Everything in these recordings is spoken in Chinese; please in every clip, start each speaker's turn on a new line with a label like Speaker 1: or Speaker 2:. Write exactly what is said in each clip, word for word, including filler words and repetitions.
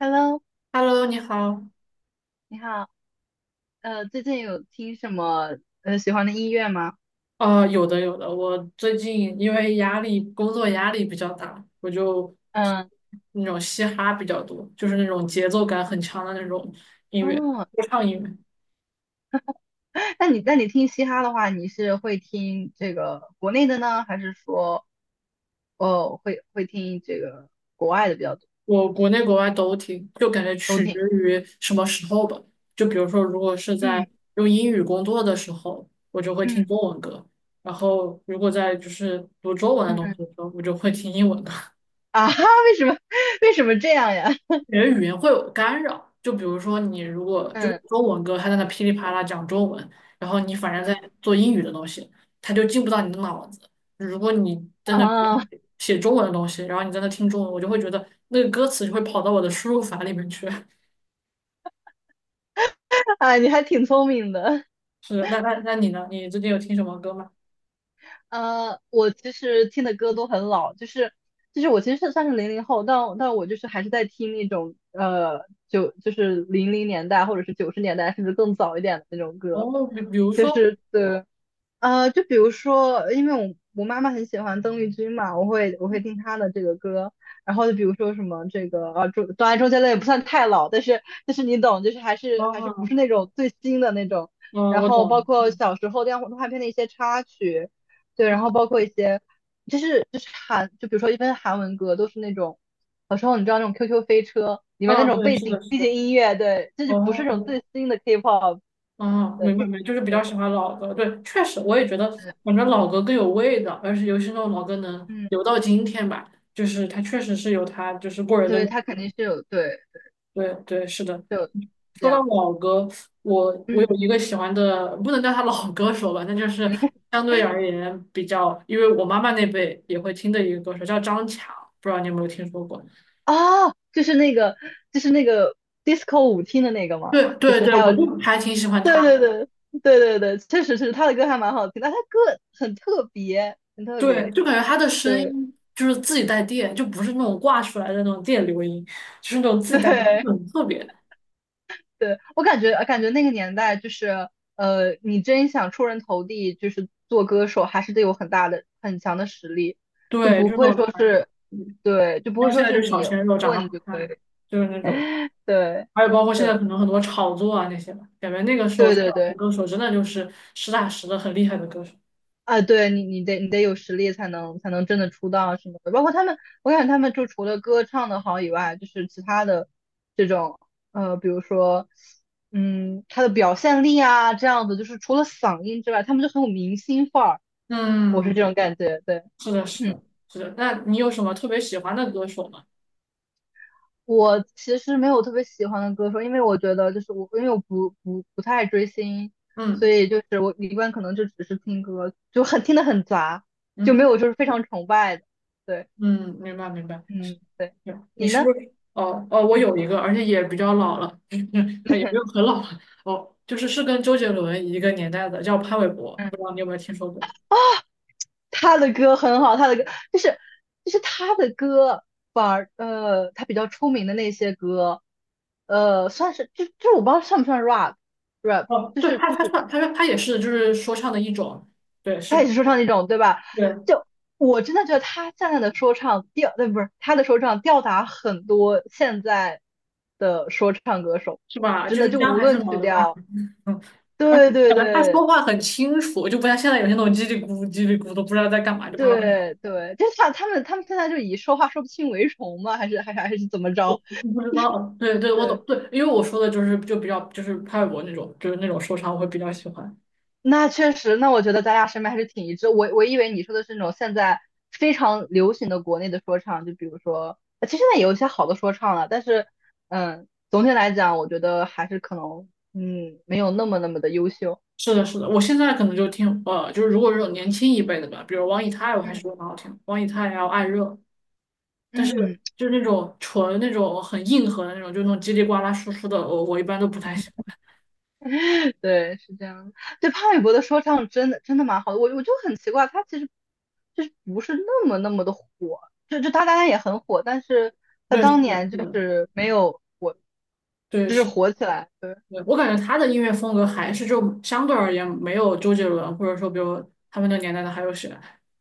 Speaker 1: Hello，
Speaker 2: Hello，你好。
Speaker 1: 你好。呃，最近有听什么呃喜欢的音乐吗？
Speaker 2: 呃，有的有的，我最近因为压力，工作压力比较大，我就
Speaker 1: 嗯，
Speaker 2: 那种嘻哈比较多，就是那种节奏感很强的那种音乐，
Speaker 1: 哦
Speaker 2: 说唱音乐，
Speaker 1: 那你那你听嘻哈的话，你是会听这个国内的呢，还是说哦会会听这个国外的比较多？
Speaker 2: 我国内国外都听，就感觉
Speaker 1: 都
Speaker 2: 取决
Speaker 1: 听。
Speaker 2: 于什么时候吧。就比如说，如果是在
Speaker 1: 嗯
Speaker 2: 用英语工作的时候，我就会听
Speaker 1: 嗯
Speaker 2: 中文歌；然后如果在就是读中文的东西
Speaker 1: 嗯
Speaker 2: 的时候，我就会听英文歌。
Speaker 1: 啊哈，为什么为什么这样呀？
Speaker 2: 你的语言会有干扰。就比如说，你如果就是
Speaker 1: 嗯
Speaker 2: 中文歌，他在那噼里啪啦讲中文，然后你反正在做英语的东西，他就进不到你的脑子。如果你在那
Speaker 1: 哦
Speaker 2: 写中文的东西，然后你在那听中文，我就会觉得那个歌词就会跑到我的输入法里面去。
Speaker 1: 啊，你还挺聪明的。
Speaker 2: 是的，那那那你呢？你最近有听什么歌吗？
Speaker 1: 呃，我其实听的歌都很老，就是就是我其实是算是零零后，但但我就是还是在听那种呃九就是零零年代或者是九十年代甚至更早一点的那种歌，
Speaker 2: 哦，比比如
Speaker 1: 就
Speaker 2: 说，
Speaker 1: 是对呃，就比如说，因为我我妈妈很喜欢邓丽君嘛，我会我会听她的这个歌，然后就比如说什么这个呃周，当然周杰伦也不算太老，但是但是你懂，就是还是还是不是
Speaker 2: 哦，
Speaker 1: 那种最新的那种，
Speaker 2: 嗯，
Speaker 1: 然
Speaker 2: 我
Speaker 1: 后
Speaker 2: 懂
Speaker 1: 包
Speaker 2: 了，
Speaker 1: 括
Speaker 2: 嗯
Speaker 1: 小时候动画动画片的一些插曲，对，
Speaker 2: 嗯，
Speaker 1: 然后包括一些就是就是韩，就比如说一般韩文歌都是那种，小时候你知道那种 Q Q 飞车里面那
Speaker 2: 啊，
Speaker 1: 种
Speaker 2: 对，
Speaker 1: 背
Speaker 2: 是的，
Speaker 1: 景
Speaker 2: 是
Speaker 1: 背
Speaker 2: 的，
Speaker 1: 景音乐，对，这就不是
Speaker 2: 哦。
Speaker 1: 那种最新的 K-pop
Speaker 2: 哦，
Speaker 1: 的，
Speaker 2: 明白
Speaker 1: 那对，
Speaker 2: 明白，就是比较
Speaker 1: 对
Speaker 2: 喜欢老歌。对，确实我也觉得，反正老歌更有味道，而且尤其是那种老歌能
Speaker 1: 嗯。
Speaker 2: 留到今天吧，就是它确实是有它就是过人的
Speaker 1: 对，
Speaker 2: 魅
Speaker 1: 他肯
Speaker 2: 力
Speaker 1: 定是有，对，
Speaker 2: 对对，是的。
Speaker 1: 就这
Speaker 2: 说到
Speaker 1: 样子。
Speaker 2: 老歌，我我
Speaker 1: 嗯
Speaker 2: 有一个喜欢的，不能叫他老歌手吧，那就是
Speaker 1: 嗯，
Speaker 2: 相对而言比较，因为我妈妈那辈也会听的一个歌手叫张强，不知道你有没有听说过？
Speaker 1: 啊，就是那个，就是那个 disco 舞厅的那个嘛，
Speaker 2: 对
Speaker 1: 就
Speaker 2: 对
Speaker 1: 是
Speaker 2: 对，
Speaker 1: 还有，
Speaker 2: 我就还挺喜欢
Speaker 1: 对
Speaker 2: 他。
Speaker 1: 对对对对对，确实是他的歌还蛮好听，但他歌很特别，很特
Speaker 2: 对，
Speaker 1: 别。
Speaker 2: 就感觉他的声
Speaker 1: 对
Speaker 2: 音就是自己带电，就不是那种挂出来的那种电流音，就是那种自己带电，
Speaker 1: 对
Speaker 2: 就很特别
Speaker 1: 对，我感觉感觉那个年代就是，呃，你真想出人头地，就是做歌手，还是得有很大的、很强的实力，就
Speaker 2: 对，就
Speaker 1: 不
Speaker 2: 是那
Speaker 1: 会
Speaker 2: 种
Speaker 1: 说
Speaker 2: 传
Speaker 1: 是，
Speaker 2: 奇。
Speaker 1: 对，就不
Speaker 2: 然
Speaker 1: 会
Speaker 2: 后现
Speaker 1: 说
Speaker 2: 在
Speaker 1: 是
Speaker 2: 就是小
Speaker 1: 你
Speaker 2: 鲜肉长得好
Speaker 1: 混就
Speaker 2: 看，
Speaker 1: 可以，
Speaker 2: 就是那种，
Speaker 1: 对。
Speaker 2: 还有包括现
Speaker 1: 对
Speaker 2: 在可能很多炒作啊那些吧，感觉那个时候
Speaker 1: 对
Speaker 2: 唱
Speaker 1: 对
Speaker 2: 的
Speaker 1: 对，
Speaker 2: 歌手真的就是实打实的很厉害的歌手。
Speaker 1: 啊，对你你得你得有实力才能才能真的出道什么的。包括他们，我感觉他们就除了歌唱的好以外，就是其他的这种呃，比如说嗯，他的表现力啊这样子，就是除了嗓音之外，他们就很有明星范儿。我是这
Speaker 2: 嗯，
Speaker 1: 种感觉，对，
Speaker 2: 是的，是的，是的。那你有什么特别喜欢的歌手吗？
Speaker 1: 我其实没有特别喜欢的歌手，因为我觉得就是我，因为我不不不太追星，所
Speaker 2: 嗯
Speaker 1: 以就是我一般可能就只是听歌，就很听得很杂，就没
Speaker 2: 嗯。
Speaker 1: 有就是非常崇拜的。对，
Speaker 2: 嗯，明白明白。
Speaker 1: 嗯，对，
Speaker 2: 对，你
Speaker 1: 你
Speaker 2: 是不
Speaker 1: 呢？
Speaker 2: 是？哦哦，我
Speaker 1: 嗯
Speaker 2: 有一个，而且也比较老了，也不 有很老了。哦，就是是跟周杰伦一个年代的，叫潘玮柏，
Speaker 1: 嗯，
Speaker 2: 不知道你有没有听说过？
Speaker 1: 他的歌很好，他的歌就是就是他的歌，反而呃他比较出名的那些歌，呃算是就就是我不知道算不算 rap rap，
Speaker 2: 哦，
Speaker 1: 就
Speaker 2: 对，
Speaker 1: 是
Speaker 2: 他
Speaker 1: 就
Speaker 2: 他
Speaker 1: 是。
Speaker 2: 唱，他说他也是就是说唱的一种。对，是
Speaker 1: 他也
Speaker 2: 的，
Speaker 1: 是说唱那种，对吧？
Speaker 2: 对，
Speaker 1: 就我真的觉得他现在的说唱吊，对，不是他的说唱吊打很多现在的说唱歌手，
Speaker 2: 是吧？
Speaker 1: 真
Speaker 2: 就
Speaker 1: 的
Speaker 2: 是
Speaker 1: 就
Speaker 2: 姜
Speaker 1: 无
Speaker 2: 还是
Speaker 1: 论
Speaker 2: 老
Speaker 1: 曲
Speaker 2: 的辣，
Speaker 1: 调，
Speaker 2: 嗯，而且
Speaker 1: 对对
Speaker 2: 感觉他
Speaker 1: 对
Speaker 2: 说话很清楚，就不像现在有些那种叽里咕噜叽里咕噜都不知道在干嘛，就啪啪啪，
Speaker 1: 对对，就像他们他们现在就以说话说不清为荣吗？还是还是还是怎么着？
Speaker 2: 不知道。对对，我懂，
Speaker 1: 对
Speaker 2: 对，因为我说的就是就比较就是潘玮柏那种，就是那种说唱，我会比较喜欢。
Speaker 1: 那确实，那我觉得咱俩审美还是挺一致。我我以为你说的是那种现在非常流行的国内的说唱，就比如说，呃其实现在也有一些好的说唱了，但是，嗯，总体来讲，我觉得还是可能，嗯，没有那么那么的优秀。
Speaker 2: 是的，是的，我现在可能就听，呃，就是如果这种年轻一辈的吧，比如王以太，我还是觉
Speaker 1: 嗯，
Speaker 2: 得蛮好听的王以太还有艾热，但是
Speaker 1: 嗯，
Speaker 2: 就是那种纯那种很硬核的那种，就那种叽里呱啦说出的，我我一般都不太喜欢。
Speaker 1: 对，是这样的对，潘玮柏的说唱真的真的蛮好的，我我就很奇怪，他其实就是不是那么那么的火，就就他当然也很火，但是他
Speaker 2: 对，是
Speaker 1: 当
Speaker 2: 的，
Speaker 1: 年
Speaker 2: 是
Speaker 1: 就
Speaker 2: 的，
Speaker 1: 是没有火，
Speaker 2: 对，
Speaker 1: 就是
Speaker 2: 是的。
Speaker 1: 火起来。
Speaker 2: 对，我感觉他的音乐风格还是就相对而言没有周杰伦，或者说比如他们那个年代的还有谁，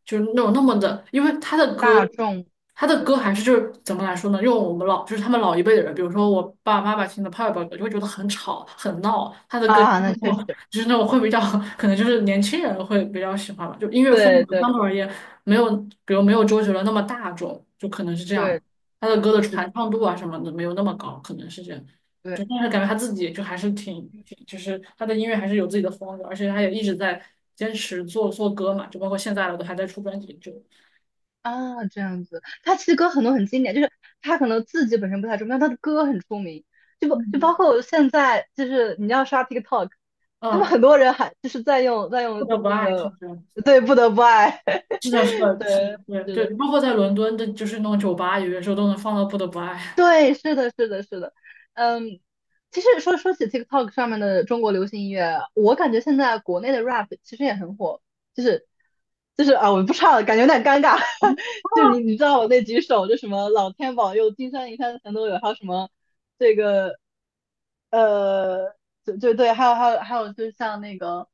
Speaker 2: 就是那种那么的，因为他的歌，
Speaker 1: 大众，
Speaker 2: 他的
Speaker 1: 对
Speaker 2: 歌还是就是怎么来说呢？用我们老就是他们老一辈的人，比如说我爸爸妈妈听的爸爸歌就会觉得很吵很闹，他的歌
Speaker 1: 啊，那确
Speaker 2: 就是那种
Speaker 1: 实，
Speaker 2: 就是那种会比较可能就是年轻人会比较喜欢吧，就音乐风
Speaker 1: 对
Speaker 2: 格
Speaker 1: 对
Speaker 2: 相对而言没有比如没有周杰伦那么大众，就可能是这样，
Speaker 1: 对，
Speaker 2: 他的歌的
Speaker 1: 是，的，
Speaker 2: 传唱度啊什么的没有那么高，可能是这样。
Speaker 1: 对
Speaker 2: 就但是感觉他自己就还是挺挺，就是他的音乐还是有自己的风格，而且他也一直在坚持做做歌嘛，就包括现在了都还在出专辑，就
Speaker 1: 啊，这样子。他其实歌很多很经典，就是他可能自己本身不太出名，但他的歌很出名。就不就
Speaker 2: 嗯
Speaker 1: 包括现在，就是你要刷 TikTok，他们
Speaker 2: 嗯，
Speaker 1: 很多人还就是在用在
Speaker 2: 不
Speaker 1: 用
Speaker 2: 得不
Speaker 1: 那
Speaker 2: 爱是
Speaker 1: 个，
Speaker 2: 这样，
Speaker 1: 对，不得不爱，
Speaker 2: 是的，是 的，是的，
Speaker 1: 对，
Speaker 2: 对
Speaker 1: 是的。
Speaker 2: 对，包括在伦敦的，就是那种酒吧，有些时候都能放到《不得不爱》。
Speaker 1: 对，是的，是的，是的，嗯，其实说说起 TikTok 上面的中国流行音乐，我感觉现在国内的 rap 其实也很火，就是就是啊，我不唱了，感觉有点尴尬，就你你知道我那几首，就什么老天保佑，金山银山全都有，还有什么这个呃，对对对，还有还有还有，就像那个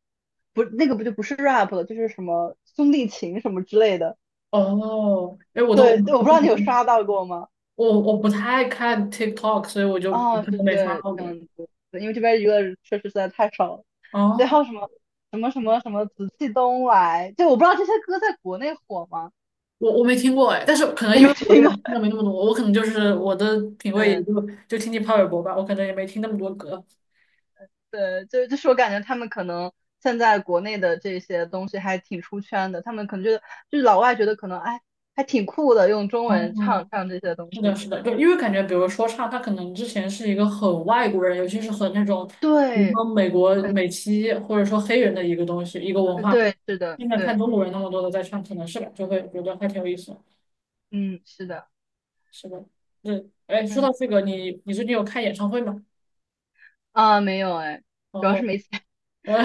Speaker 1: 不那个不就不是 rap 了，就是什么兄弟情什么之类的，
Speaker 2: 哦，哎，我都
Speaker 1: 对，我不知道你有刷到过吗？
Speaker 2: 我我不太看 TikTok，所以我就可
Speaker 1: 哦，是
Speaker 2: 能没刷
Speaker 1: 对，
Speaker 2: 到
Speaker 1: 这
Speaker 2: 过。
Speaker 1: 样子，对因为这边娱乐确实实在太少了。对，还
Speaker 2: 哦，
Speaker 1: 有什么什么什么什么紫气东来，就我不知道这些歌在国内火吗？
Speaker 2: 我我没听过哎，但是可能
Speaker 1: 你
Speaker 2: 因
Speaker 1: 没
Speaker 2: 为我
Speaker 1: 听
Speaker 2: 也
Speaker 1: 过？
Speaker 2: 听的 没那么多，我可能就是我的品味
Speaker 1: 嗯，
Speaker 2: 也就就听听潘玮柏吧，我可能也没听那么多歌。
Speaker 1: 对，就就是我感觉他们可能现在国内的这些东西还挺出圈的，他们可能觉得就是老外觉得可能哎还挺酷的，用中文唱
Speaker 2: 哦，
Speaker 1: 唱这些东
Speaker 2: 是的，
Speaker 1: 西。
Speaker 2: 是的，
Speaker 1: 对
Speaker 2: 对，因为感觉，比如说唱，他可能之前是一个很外国人，尤其是很那种，比如
Speaker 1: 对，
Speaker 2: 说美国
Speaker 1: 嗯
Speaker 2: 美籍或者说黑人的一个东西，一个文化。
Speaker 1: 对，是的，
Speaker 2: 现在看
Speaker 1: 对，
Speaker 2: 中国人那么多的在唱，可能是吧，就会觉得还挺有意思
Speaker 1: 嗯是的，
Speaker 2: 是的，对，哎，说到
Speaker 1: 嗯
Speaker 2: 这个，你你最近有看演唱会吗？
Speaker 1: 啊没有哎，
Speaker 2: 然
Speaker 1: 主要是
Speaker 2: 后，
Speaker 1: 没钱。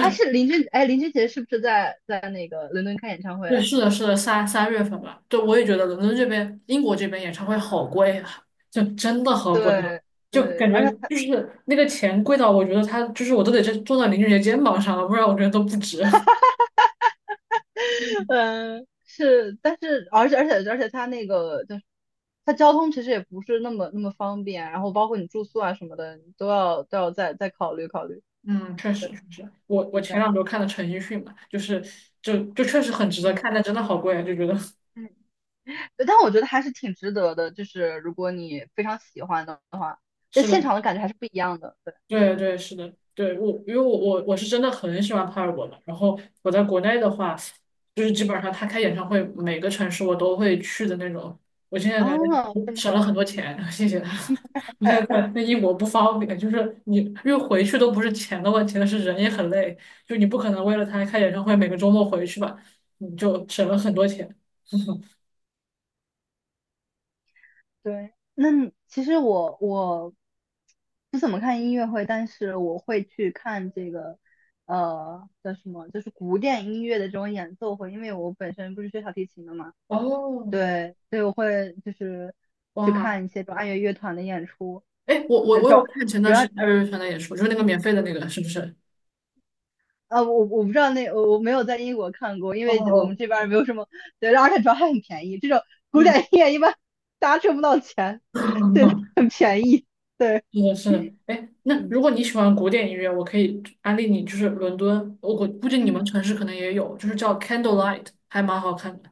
Speaker 1: 哎，是林俊，哎，林俊杰是不是在在那个伦敦开演唱会了？
Speaker 2: 对，是的，是的，三三月份吧。对，我也觉得伦敦这边、英国这边演唱会好贵啊，就真的好贵，
Speaker 1: 对
Speaker 2: 就
Speaker 1: 对，
Speaker 2: 感
Speaker 1: 而
Speaker 2: 觉
Speaker 1: 且他，
Speaker 2: 就是那个钱贵到我觉得他就是我都得这坐到林俊杰肩膀上了，不然我觉得都不值。嗯，
Speaker 1: 嗯，是，但是而且而且而且他那个就是他交通其实也不是那么那么方便，然后包括你住宿啊什么的，你都要都要再再考虑考虑。
Speaker 2: 嗯确实
Speaker 1: 对，
Speaker 2: 确实，我我
Speaker 1: 是这
Speaker 2: 前
Speaker 1: 样。
Speaker 2: 两周看的陈奕迅嘛，就是就就确实很值得
Speaker 1: 嗯
Speaker 2: 看，但真的好贵啊，就觉得
Speaker 1: 嗯，对但我觉得还是挺值得的，就是如果你非常喜欢的，在
Speaker 2: 是的。
Speaker 1: 现场的感觉还是不一样的。对，
Speaker 2: 对对，是的，对我，因为我我我是真的很喜欢帕尔博嘛。然后我在国内的话，就是基
Speaker 1: 嗯，
Speaker 2: 本上他开演唱会，每个城市我都会去的那种。我现在感觉
Speaker 1: 哦，这么
Speaker 2: 省了
Speaker 1: 好。
Speaker 2: 很多钱，谢谢他。你看，看那英国不方便，就是你因为回去都不是钱的问题，但是人也很累，就你不可能为了他开演唱会每个周末回去吧，你就省了很多钱。
Speaker 1: 对，那你其实我我不怎么看音乐会，但是我会去看这个呃叫什么，就是古典音乐的这种演奏会，因为我本身不是学小提琴的嘛，
Speaker 2: 哦，
Speaker 1: 对，所以我会就是去
Speaker 2: 哇，
Speaker 1: 看一些这种爱乐乐团的演出。
Speaker 2: 哎，我我
Speaker 1: 对，
Speaker 2: 我
Speaker 1: 主
Speaker 2: 有看前
Speaker 1: 主
Speaker 2: 段时
Speaker 1: 要
Speaker 2: 间艾薇薇传的演出，就是那个
Speaker 1: 嗯
Speaker 2: 免费的那个，是不是？
Speaker 1: 啊，我我不知道那我我没有在英国看过，因为我们
Speaker 2: 哦，
Speaker 1: 这边儿没有什么，对，而且主要还很便宜，这种古
Speaker 2: 嗯。
Speaker 1: 典音乐一般大家挣不到钱，对，它 很便宜，对，
Speaker 2: 是的，是的，哎，那
Speaker 1: 嗯
Speaker 2: 如果你喜欢古典音乐，我可以安利你，就是伦敦，我估估计你
Speaker 1: 嗯。
Speaker 2: 们城市可能也有，就是叫
Speaker 1: 嗯，
Speaker 2: Candlelight，还蛮好看的，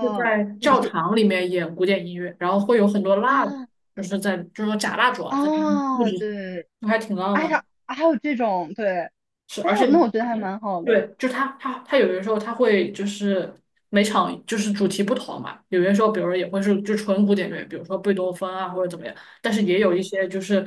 Speaker 2: 就是在
Speaker 1: 你
Speaker 2: 教
Speaker 1: 是
Speaker 2: 堂里面演古典音乐，然后会有很多蜡烛
Speaker 1: 啊
Speaker 2: 就是在就是说假蜡烛啊，在布
Speaker 1: 啊，
Speaker 2: 置，
Speaker 1: 对，
Speaker 2: 就还挺浪
Speaker 1: 啊，
Speaker 2: 漫。
Speaker 1: 呀还有这种，对，
Speaker 2: 是，而
Speaker 1: 哎
Speaker 2: 且
Speaker 1: 呦，那我觉得还嗯蛮好的，
Speaker 2: 对，就是他他他有的时候他会就是每场就是主题不同嘛，有些时候比如说也会是就纯古典乐，比如说贝多芬啊或者怎么样，但是也有一
Speaker 1: 嗯
Speaker 2: 些就是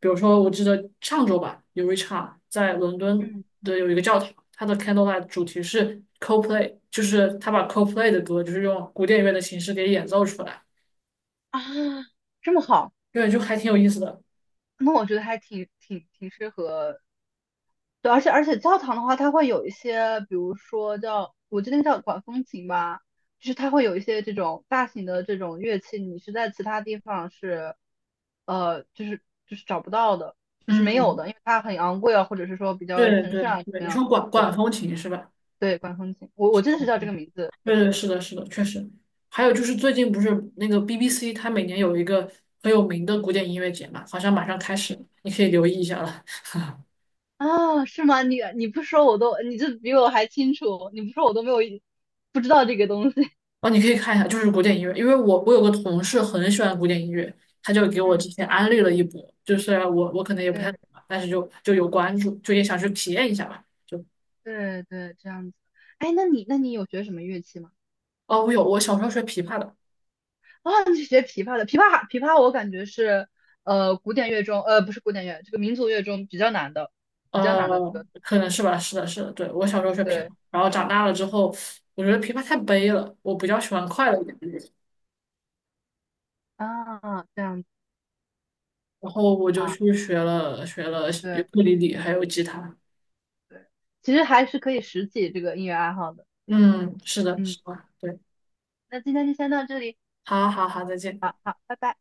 Speaker 2: 比如说我记得上周吧，有一场在伦敦
Speaker 1: 嗯，
Speaker 2: 的有一个教堂，它的 Candlelight 主题是 Coldplay，就是他把 Coldplay 的歌就是用古典乐的形式给演奏出来，
Speaker 1: 啊，这么好，
Speaker 2: 对，就还挺有意思的。
Speaker 1: 那我觉得还挺挺挺适合，对，而且而且教堂的话，它会有一些，比如说叫，我记得那叫管风琴吧，就是它会有一些这种大型的这种乐器，你是在其他地方是，呃，就是就是找不到的，就是没有
Speaker 2: 嗯，
Speaker 1: 的，因为它很昂贵啊，或者是说比较
Speaker 2: 对
Speaker 1: 神
Speaker 2: 对
Speaker 1: 圣啊，怎
Speaker 2: 对，
Speaker 1: 么
Speaker 2: 你
Speaker 1: 样的，
Speaker 2: 说管管
Speaker 1: 对。
Speaker 2: 风琴是吧？
Speaker 1: 对，管风琴，我我真的是叫这个名字。
Speaker 2: 对
Speaker 1: 对
Speaker 2: 对，是的，是的，确实。还有就是最近不是那个 B B C，它每年有一个很有名的古典音乐节嘛，好像马上开始
Speaker 1: 嗯，
Speaker 2: 了，你可以留意一下了。
Speaker 1: 啊，是吗？你你不说我都，你这比我还清楚，你不说我都没有不知道这个东西。
Speaker 2: 哦，你可以看一下，就是古典音乐，因为我我有个同事很喜欢古典音乐，他就给我
Speaker 1: 嗯，
Speaker 2: 之前安利了一波，就是我我可能也不太懂
Speaker 1: 对
Speaker 2: 吧，但是就就有关注，就也想去体验一下吧。就
Speaker 1: 对对，这样子。哎，那你那你有学什么乐器吗？
Speaker 2: 哦，我有，我小时候学琵琶的，
Speaker 1: 啊，你是学琵琶的，琵琶还琵琶我感觉是呃古典乐中呃不是古典乐，这个民族乐中比较难的，比较难的这
Speaker 2: 呃，
Speaker 1: 个。
Speaker 2: 可能是吧，是的，是的，对，我小时候学琵琶，
Speaker 1: 对
Speaker 2: 然后长大了之后，我觉得琵琶太悲了，我比较喜欢快乐一点。的
Speaker 1: 啊，这样子
Speaker 2: 然后我就
Speaker 1: 啊，
Speaker 2: 去学了学了尤
Speaker 1: 对
Speaker 2: 克里里还有吉他。
Speaker 1: 对，其实还是可以拾起这个音乐爱好的。
Speaker 2: 嗯，是的，
Speaker 1: 嗯，
Speaker 2: 是的，对，
Speaker 1: 那今天就先到这里，
Speaker 2: 好好好，再见。
Speaker 1: 好好，拜拜。